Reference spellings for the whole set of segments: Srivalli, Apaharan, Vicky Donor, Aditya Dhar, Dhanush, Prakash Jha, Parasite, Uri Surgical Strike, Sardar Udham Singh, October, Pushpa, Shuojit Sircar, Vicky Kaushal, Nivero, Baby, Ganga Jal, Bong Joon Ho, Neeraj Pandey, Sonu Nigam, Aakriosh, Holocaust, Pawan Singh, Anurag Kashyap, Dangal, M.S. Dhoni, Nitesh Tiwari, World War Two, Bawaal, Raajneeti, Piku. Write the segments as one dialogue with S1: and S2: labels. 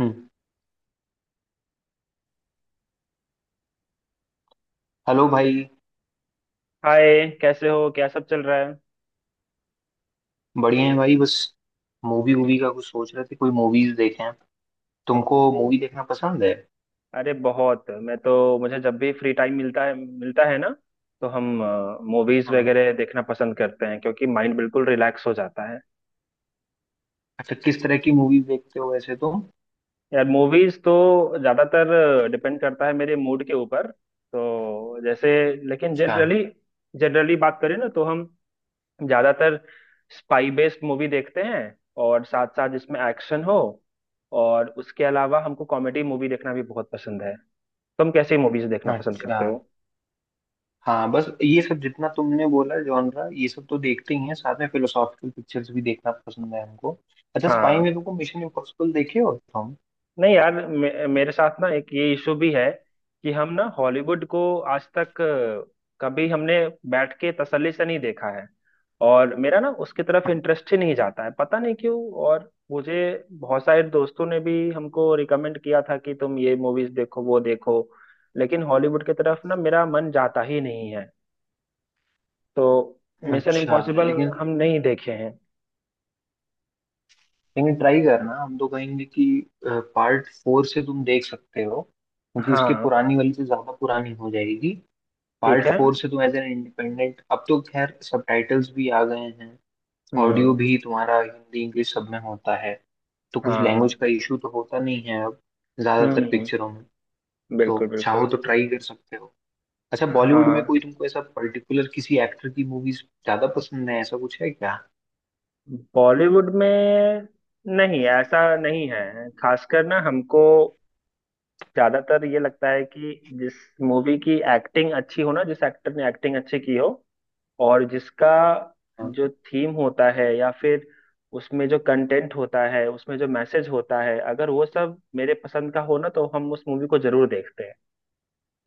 S1: हम्म। Hello भाई।
S2: Hi, कैसे हो? क्या सब चल रहा है?
S1: बढ़िया है भाई। बस मूवी वूवी का कुछ सोच रहे थे, कोई मूवीज देखें। तुमको मूवी देखना पसंद है?
S2: अरे बहुत! मैं तो मुझे जब भी फ्री टाइम मिलता है ना, तो हम मूवीज
S1: हाँ।
S2: वगैरह देखना पसंद करते हैं क्योंकि माइंड बिल्कुल रिलैक्स हो जाता है।
S1: अच्छा, किस तरह की मूवी देखते हो वैसे तुम?
S2: यार मूवीज तो ज्यादातर डिपेंड करता है मेरे मूड के ऊपर। तो जैसे, लेकिन
S1: अच्छा।
S2: जनरली जनरली बात करें ना, तो हम ज्यादातर स्पाई बेस्ड मूवी देखते हैं और साथ साथ जिसमें एक्शन हो। और उसके अलावा हमको कॉमेडी मूवी देखना भी बहुत पसंद है। तुम कैसी मूवीज देखना पसंद
S1: अच्छा।
S2: करते हो?
S1: हाँ, बस ये सब जितना तुमने बोला जॉनरा, ये सब तो देखते ही हैं। साथ में फिलोसॉफिकल पिक्चर्स भी देखना पसंद है हमको। अच्छा, स्पाई
S2: हाँ।
S1: में तुमको मिशन इम्पॉसिबल, देखे हो तुम?
S2: नहीं यार, मेरे साथ ना एक ये इशू भी है कि हम ना हॉलीवुड को आज तक कभी हमने बैठ के तसल्ली से नहीं देखा है। और मेरा ना उसकी तरफ इंटरेस्ट ही नहीं जाता है, पता नहीं क्यों। और मुझे बहुत सारे दोस्तों ने भी हमको रिकमेंड किया था कि तुम ये मूवीज देखो वो देखो, लेकिन हॉलीवुड की तरफ ना मेरा मन जाता ही नहीं है। तो मिशन
S1: अच्छा,
S2: इम्पॉसिबल
S1: लेकिन
S2: हम नहीं देखे हैं।
S1: लेकिन ट्राई करना, हम तो कहेंगे कि पार्ट फोर से तुम देख सकते हो, क्योंकि उसके
S2: हाँ,
S1: पुरानी वाली से ज्यादा पुरानी हो जाएगी।
S2: ठीक
S1: पार्ट
S2: है।
S1: फोर से तुम एज एन इंडिपेंडेंट। अब तो खैर सबटाइटल्स भी आ गए हैं। ऑडियो
S2: हम्म।
S1: भी तुम्हारा हिंदी इंग्लिश सब में होता है, तो कुछ
S2: हाँ।
S1: लैंग्वेज का इशू तो होता नहीं है अब ज्यादातर
S2: हम्म।
S1: पिक्चरों में। तो
S2: बिल्कुल
S1: चाहो
S2: बिल्कुल।
S1: तो ट्राई कर सकते हो। अच्छा, बॉलीवुड में
S2: हाँ,
S1: कोई तुमको ऐसा पर्टिकुलर, किसी एक्टर की मूवीज ज्यादा पसंद है, ऐसा कुछ है क्या?
S2: बॉलीवुड में नहीं ऐसा नहीं है। खासकर ना हमको ज्यादातर ये लगता है कि जिस मूवी की एक्टिंग अच्छी हो ना, जिस एक्टर ने एक्टिंग अच्छी की हो, और जिसका
S1: हाँ।
S2: जो थीम होता है या फिर उसमें जो कंटेंट होता है, उसमें जो मैसेज होता है, अगर वो सब मेरे पसंद का हो ना तो हम उस मूवी को जरूर देखते हैं।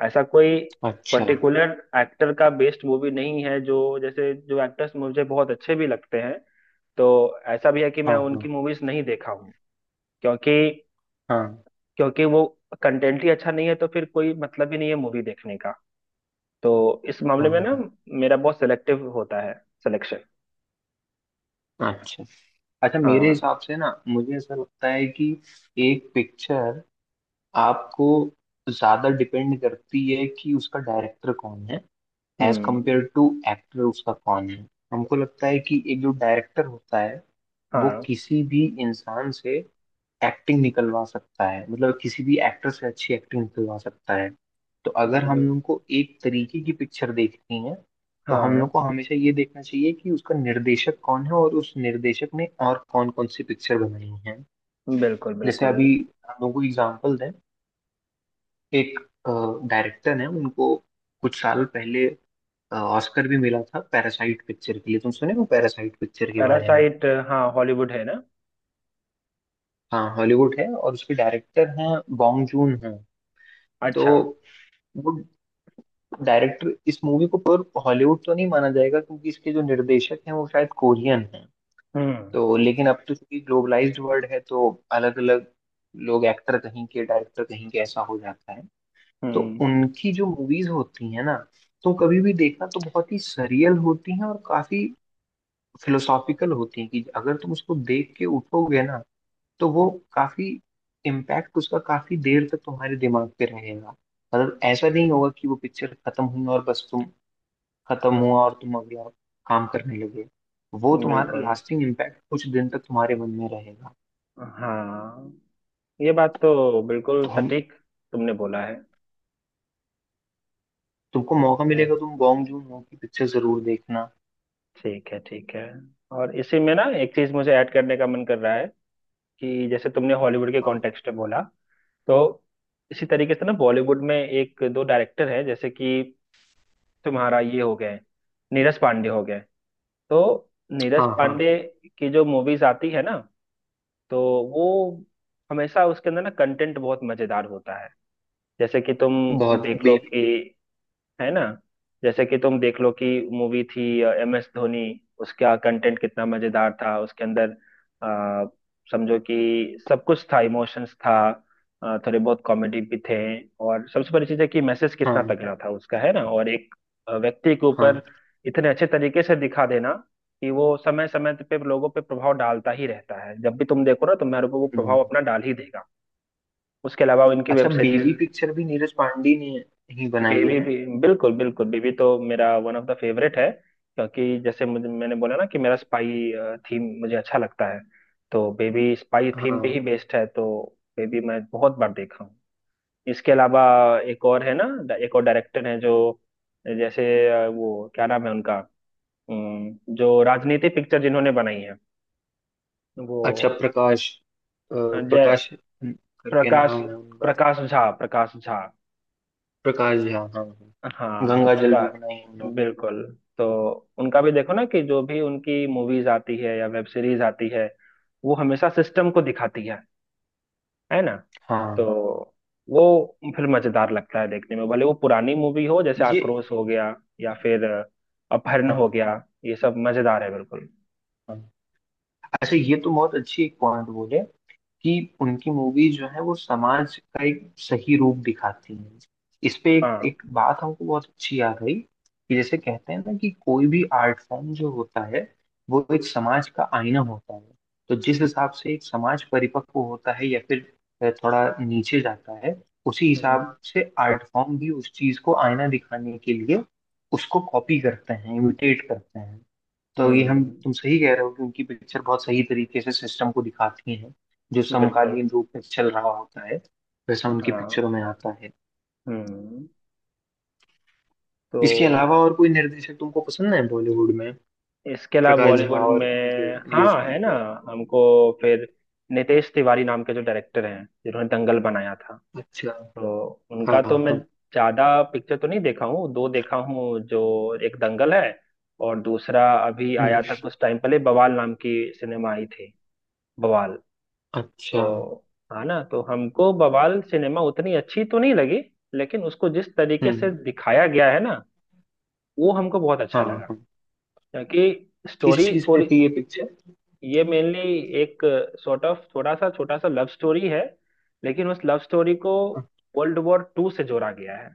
S2: ऐसा कोई
S1: अच्छा।
S2: पर्टिकुलर एक्टर का बेस्ड मूवी नहीं है। जो जैसे जो एक्टर्स मुझे बहुत अच्छे भी लगते हैं, तो ऐसा भी है कि मैं
S1: हाँ
S2: उनकी
S1: हाँ।
S2: मूवीज नहीं देखा हूँ, क्योंकि
S1: हाँ
S2: क्योंकि वो कंटेंट ही अच्छा नहीं है तो फिर कोई मतलब ही नहीं है मूवी देखने का। तो इस मामले में
S1: हाँ।
S2: ना मेरा बहुत सिलेक्टिव होता है सिलेक्शन।
S1: अच्छा। अच्छा, मेरे
S2: हाँ।
S1: हिसाब से ना मुझे ऐसा लगता है कि एक पिक्चर आपको ज्यादा डिपेंड करती है कि उसका डायरेक्टर कौन है। As
S2: hmm.
S1: Compare to actor उसका कौन है। हमको लगता है कि एक जो डायरेक्टर होता है, वो
S2: हाँ।
S1: किसी भी इंसान से एक्टिंग निकलवा सकता है, मतलब किसी भी एक्टर से अच्छी एक्टिंग निकलवा सकता है। तो अगर हम
S2: ब-
S1: लोग को एक तरीके की पिक्चर देखनी है, तो हम लोग
S2: हाँ,
S1: को हमेशा ये देखना चाहिए कि उसका निर्देशक कौन है और उस निर्देशक ने और कौन कौन सी पिक्चर बनाई है।
S2: बिल्कुल
S1: जैसे
S2: बिल्कुल।
S1: अभी हम लोग को एग्जाम्पल दें, एक डायरेक्टर है, उनको कुछ साल पहले ऑस्कर भी मिला था पैरासाइट पिक्चर के लिए। तुम सुने हो पैरासाइट पिक्चर के बारे में?
S2: पैरासाइट? हाँ हॉलीवुड है ना।
S1: हाँ, हॉलीवुड है और उसके डायरेक्टर हैं, बॉन्ग जून हैं। तो
S2: अच्छा।
S1: वो डायरेक्टर, इस मूवी को प्योर हॉलीवुड तो नहीं माना जाएगा, क्योंकि इसके जो निर्देशक हैं वो शायद कोरियन हैं।
S2: हम्म।
S1: तो लेकिन अब तो चूंकि ग्लोबलाइज्ड वर्ल्ड है, तो अलग अलग लोग, एक्टर कहीं के, डायरेक्टर कहीं के, ऐसा हो जाता है। तो
S2: हम्म।
S1: उनकी जो मूवीज होती हैं ना, तो कभी भी देखना, तो बहुत ही सरियल होती हैं और काफी फिलोसॉफिकल होती हैं कि अगर तुम उसको देख के उठोगे ना, तो वो काफी इम्पैक्ट, उसका काफी देर तक तुम्हारे दिमाग पे रहेगा। मतलब ऐसा नहीं होगा कि वो पिक्चर खत्म हुई और बस तुम, खत्म हुआ और तुम अगला काम करने लगे। वो तुम्हारा
S2: बिल्कुल।
S1: लास्टिंग इम्पैक्ट कुछ दिन तक तुम्हारे मन में रहेगा।
S2: हाँ, ये बात तो बिल्कुल
S1: तो हम,
S2: सटीक तुमने बोला है
S1: तुमको मौका
S2: है।
S1: मिलेगा तुम बॉन्ग जून हो की पिक्चर जरूर देखना।
S2: ठीक है, ठीक है। और इसी में ना एक चीज मुझे ऐड करने का मन कर रहा है कि जैसे तुमने हॉलीवुड के
S1: हाँ
S2: कॉन्टेक्स्ट में बोला, तो इसी तरीके से ना बॉलीवुड में एक दो डायरेक्टर हैं, जैसे कि तुम्हारा ये हो गए, नीरज पांडे हो गए। तो नीरज
S1: हाँ। हाँ,
S2: पांडे की जो मूवीज आती है ना, तो वो हमेशा उसके अंदर ना कंटेंट बहुत मजेदार होता है। जैसे कि तुम
S1: बहुत
S2: देख लो
S1: बेबी।
S2: कि, है ना, जैसे कि तुम देख लो कि मूवी थी MS धोनी। उसका कंटेंट कितना मजेदार था उसके अंदर! आ, समझो कि सब कुछ था, इमोशंस था, थोड़े बहुत कॉमेडी भी थे। और सबसे बड़ी चीज है कि मैसेज कितना
S1: हाँ
S2: तगड़ा था उसका, है ना? और एक व्यक्ति के ऊपर
S1: हाँ।
S2: इतने अच्छे तरीके से दिखा देना कि वो समय समय पे लोगों पे प्रभाव डालता ही रहता है। जब भी तुम देखो ना, तुम्हारे ऊपर वो
S1: हम्म।
S2: प्रभाव अपना डाल ही देगा। उसके अलावा इनकी वेब
S1: अच्छा,
S2: सीरीज।
S1: बेबी पिक्चर भी नीरज पांडे ने ही बनाई है
S2: बेबी
S1: ना?
S2: भी बिल्कुल बिल्कुल। बेबी तो मेरा वन ऑफ द फेवरेट है, क्योंकि जैसे मुझे मैंने बोला ना कि मेरा स्पाई थीम मुझे अच्छा लगता है। तो बेबी स्पाई थीम पे ही
S1: हाँ।
S2: बेस्ड है, तो बेबी मैं बहुत बार देखा हूँ। इसके अलावा एक और है ना, एक और डायरेक्टर है जो जैसे वो क्या नाम है उनका, जो राजनीति पिक्चर जिन्होंने बनाई है, वो
S1: अच्छा, प्रकाश, अ,
S2: जय
S1: प्रकाश करके
S2: प्रकाश,
S1: नाम है उनका।
S2: प्रकाश झा, प्रकाश झा।
S1: प्रकाश झा, हाँ हाँ।
S2: हाँ तो
S1: गंगा जल भी बनाई है
S2: प्रकाश
S1: उन्होंने।
S2: बिल्कुल। तो उनका भी देखो ना कि जो भी उनकी मूवीज आती है या वेब सीरीज आती है, वो हमेशा सिस्टम को दिखाती है ना? तो
S1: हाँ।
S2: वो फिर मजेदार लगता है देखने में, भले वो पुरानी मूवी हो। जैसे
S1: ये,
S2: आक्रोश हो गया या फिर अपहरण हो
S1: हाँ
S2: गया, ये सब मजेदार है बिल्कुल।
S1: हाँ। अच्छा, ये तो बहुत अच्छी एक पॉइंट बोले कि उनकी मूवीज जो है वो समाज का एक सही रूप दिखाती हैं। इस पे एक
S2: हाँ।
S1: एक बात हमको बहुत अच्छी याद आई कि जैसे कहते हैं ना कि कोई भी आर्ट फॉर्म जो होता है, वो एक समाज का आईना होता है। तो जिस हिसाब से एक समाज परिपक्व होता है या फिर थोड़ा नीचे जाता है, उसी
S2: हम्म।
S1: हिसाब से आर्ट फॉर्म भी उस चीज को आईना दिखाने के लिए उसको कॉपी करते हैं, इमिटेट करते हैं। तो ये हम,
S2: हम्म,
S1: तुम सही कह रहे हो कि उनकी पिक्चर बहुत सही तरीके से सिस्टम को दिखाती है, जो
S2: बिल्कुल।
S1: समकालीन रूप में चल रहा होता है वैसा उनकी
S2: हाँ।
S1: पिक्चरों में आता है।
S2: हम्म। तो
S1: इसके अलावा और कोई निर्देशक तुमको पसंद है बॉलीवुड में?
S2: इसके अलावा
S1: प्रकाश
S2: बॉलीवुड
S1: झा और इनके
S2: में
S1: नीरज
S2: हाँ है ना,
S1: पांडे।
S2: हमको फिर नितेश तिवारी नाम के जो डायरेक्टर हैं जिन्होंने दंगल बनाया था,
S1: अच्छा।
S2: तो उनका
S1: हाँ
S2: तो मैं
S1: हाँ।
S2: ज्यादा पिक्चर तो नहीं देखा हूँ। दो देखा हूँ, जो एक दंगल है और दूसरा अभी
S1: हम्म।
S2: आया था कुछ टाइम पहले, बवाल नाम की सिनेमा आई थी। बवाल।
S1: अच्छा।
S2: तो हाँ ना, तो हमको बवाल सिनेमा उतनी अच्छी तो नहीं लगी, लेकिन उसको जिस तरीके
S1: हम्म।
S2: से दिखाया गया है ना, वो हमको बहुत अच्छा
S1: हाँ
S2: लगा।
S1: हाँ।
S2: क्योंकि
S1: किस
S2: स्टोरी
S1: चीज पे
S2: थोड़ी,
S1: थी ये पिक्चर?
S2: ये मेनली एक सॉर्ट ऑफ थोड़ा सा छोटा सा लव स्टोरी है। लेकिन उस लव स्टोरी को वर्ल्ड वॉर 2 से जोड़ा गया है।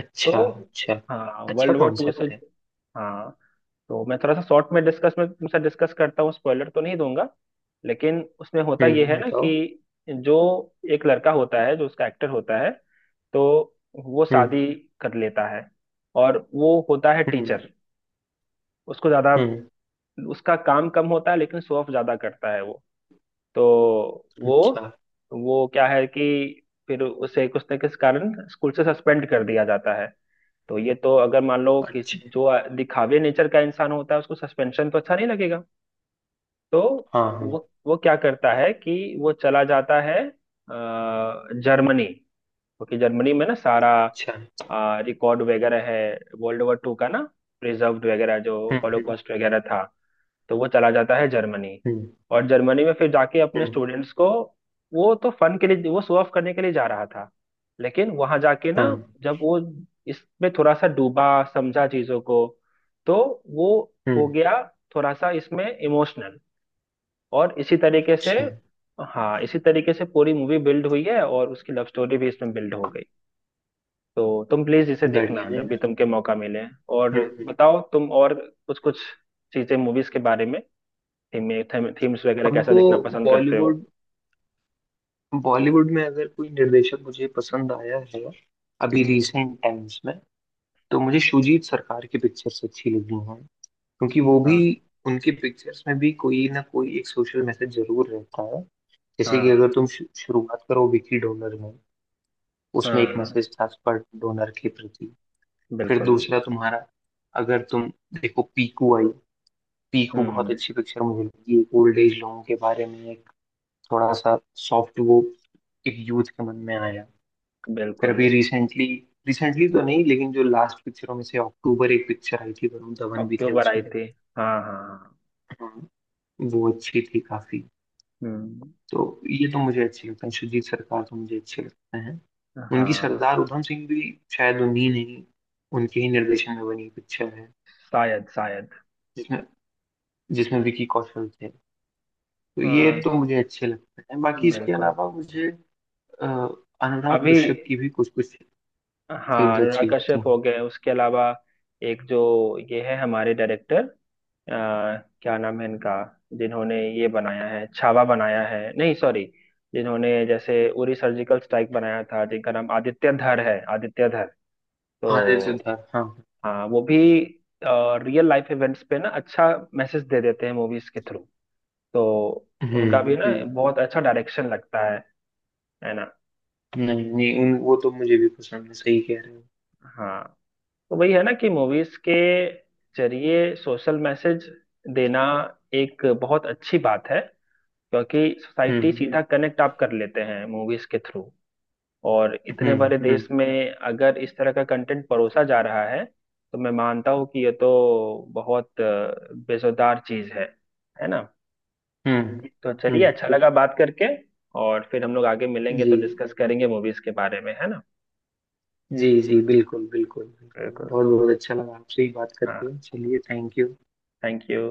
S1: अच्छा।
S2: तो
S1: अच्छा।
S2: हाँ,
S1: अच्छा
S2: वर्ल्ड वॉर 2 से।
S1: कॉन्सेप्ट है।
S2: हाँ, तो मैं थोड़ा सा शॉर्ट में डिस्कस में तुमसे डिस्कस करता हूँ, स्पॉइलर तो नहीं दूंगा। लेकिन उसमें होता यह
S1: हम्म,
S2: है ना
S1: बताओ।
S2: कि जो एक लड़का होता है जो उसका एक्टर होता है, तो वो
S1: हम्म।
S2: शादी कर लेता है और वो होता है
S1: हम्म।
S2: टीचर। उसको ज्यादा,
S1: हम्म।
S2: उसका काम कम होता है लेकिन शो ऑफ ज्यादा करता है वो। तो वो
S1: अच्छा।
S2: वो क्या है कि फिर उसे कुछ न किस कारण स्कूल से सस्पेंड कर दिया जाता है। तो ये तो अगर मान लो कि
S1: अच्छा।
S2: जो दिखावे नेचर का इंसान होता है उसको सस्पेंशन तो अच्छा नहीं लगेगा। तो
S1: हाँ हाँ।
S2: वो क्या करता है कि वो चला जाता है जर्मनी, क्योंकि जर्मनी में ना सारा
S1: अच्छा।
S2: रिकॉर्ड वगैरह है वर्ल्ड वॉर 2 का ना, प्रिजर्व वगैरह जो
S1: हम्म। हम्म।
S2: हॉलोकॉस्ट वगैरह था। तो वो चला जाता है जर्मनी,
S1: हम्म।
S2: और जर्मनी में फिर जाके अपने
S1: हम्म।
S2: स्टूडेंट्स को, वो तो फन के लिए वो शो ऑफ करने के लिए जा रहा था, लेकिन वहां जाके ना
S1: हाँ।
S2: जब वो इसमें थोड़ा सा डूबा, समझा चीजों को, तो वो हो
S1: हम्म।
S2: गया थोड़ा सा इसमें इमोशनल। और इसी तरीके से,
S1: अच्छा।
S2: हाँ इसी तरीके से पूरी मूवी बिल्ड हुई है और उसकी लव स्टोरी भी इसमें बिल्ड हो गई। तो तुम प्लीज इसे
S1: बढ़िया
S2: देखना
S1: है
S2: जब भी
S1: यार।
S2: तुमके मौका मिले। और
S1: हम्म। हम्म।
S2: बताओ तुम और कुछ कुछ चीजें मूवीज के बारे में, थीम में थीम्स वगैरह कैसा
S1: हमको,
S2: देखना पसंद करते हो?
S1: बॉलीवुड बॉलीवुड में अगर कोई निर्देशक मुझे पसंद आया है अभी
S2: हम्म।
S1: रिसेंट टाइम्स में, तो मुझे शुजीत सरकार की पिक्चर्स अच्छी लगी हैं। क्योंकि वो भी,
S2: हाँ।
S1: उनकी पिक्चर्स में भी कोई ना कोई एक सोशल मैसेज जरूर रहता है। जैसे कि अगर
S2: हाँ।
S1: तुम शुरुआत करो विकी डोनर में। उसमें एक
S2: हाँ,
S1: मैसेज था स्पर्ट डोनर के प्रति। फिर
S2: बिल्कुल।
S1: दूसरा तुम्हारा, अगर तुम देखो, पीकू आई। पीकू बहुत
S2: हम्म,
S1: अच्छी पिक्चर मुझे लगी, एक ओल्ड एज लोगों के बारे में, एक थोड़ा सा सॉफ्ट वो, एक यूथ के मन में आया। फिर
S2: बिल्कुल।
S1: अभी रिसेंटली, रिसेंटली तो नहीं, लेकिन जो लास्ट पिक्चरों में से अक्टूबर एक पिक्चर आई थी, वरुण धवन भी थे
S2: अक्टूबर आई
S1: उसमें।
S2: थी, हाँ हाँ।
S1: हाँ, वो अच्छी थी काफी।
S2: हम्म।
S1: तो ये तो मुझे अच्छे लगते हैं, सुजीत सरकार तो मुझे अच्छे लगते हैं। उनकी
S2: हाँ।
S1: सरदार उधम सिंह भी शायद उन्हीं ने ही, उनके ही निर्देशन में बनी पिक्चर है,
S2: शायद शायद।
S1: जिसमें जिसमें विकी कौशल थे। तो ये
S2: हाँ,
S1: तो मुझे अच्छे लगते हैं। बाकी इसके
S2: बिल्कुल।
S1: अलावा मुझे अ, अनुराग
S2: अभी
S1: कश्यप की भी कुछ कुछ
S2: हाँ,
S1: फिल्म
S2: अनुराग
S1: अच्छी लगती
S2: कश्यप हो
S1: हैं।
S2: गए। उसके अलावा एक जो ये है हमारे डायरेक्टर, अ, क्या नाम है इनका, जिन्होंने ये बनाया है, छावा बनाया है, नहीं सॉरी, जिन्होंने जैसे उरी सर्जिकल स्ट्राइक बनाया था, जिनका नाम आदित्य धर है, आदित्य धर।
S1: आदित्य
S2: तो
S1: सिद्धार्थ, हाँ।
S2: हाँ वो भी रियल लाइफ इवेंट्स पे ना अच्छा मैसेज दे देते हैं मूवीज के थ्रू। तो
S1: हम्म।
S2: उनका भी ना
S1: हम्म।
S2: बहुत अच्छा डायरेक्शन लगता है ना?
S1: नहीं नहीं, उन वो तो मुझे भी पसंद है, सही कह रहे हो।
S2: हाँ, तो वही है ना कि मूवीज के जरिए सोशल मैसेज देना एक बहुत अच्छी बात है। क्योंकि सोसाइटी
S1: हम्म।
S2: सीधा कनेक्ट आप कर लेते हैं मूवीज के थ्रू, और इतने
S1: हम्म।
S2: बड़े
S1: हम्म।
S2: देश में अगर इस तरह का कंटेंट परोसा जा रहा है तो मैं मानता हूँ कि ये तो बहुत बेजुबान चीज है ना।
S1: हम्म।
S2: तो चलिए,
S1: हम्म।
S2: अच्छा लगा बात करके। और फिर हम लोग आगे मिलेंगे
S1: जी।
S2: तो डिस्कस करेंगे मूवीज के बारे में, है ना?
S1: जी जी, बिल्कुल बिल्कुल बिल्कुल,
S2: बिल्कुल।
S1: बहुत बहुत अच्छा लगा आपसे ही बात करके,
S2: हाँ।
S1: चलिए थैंक यू।
S2: Thank you.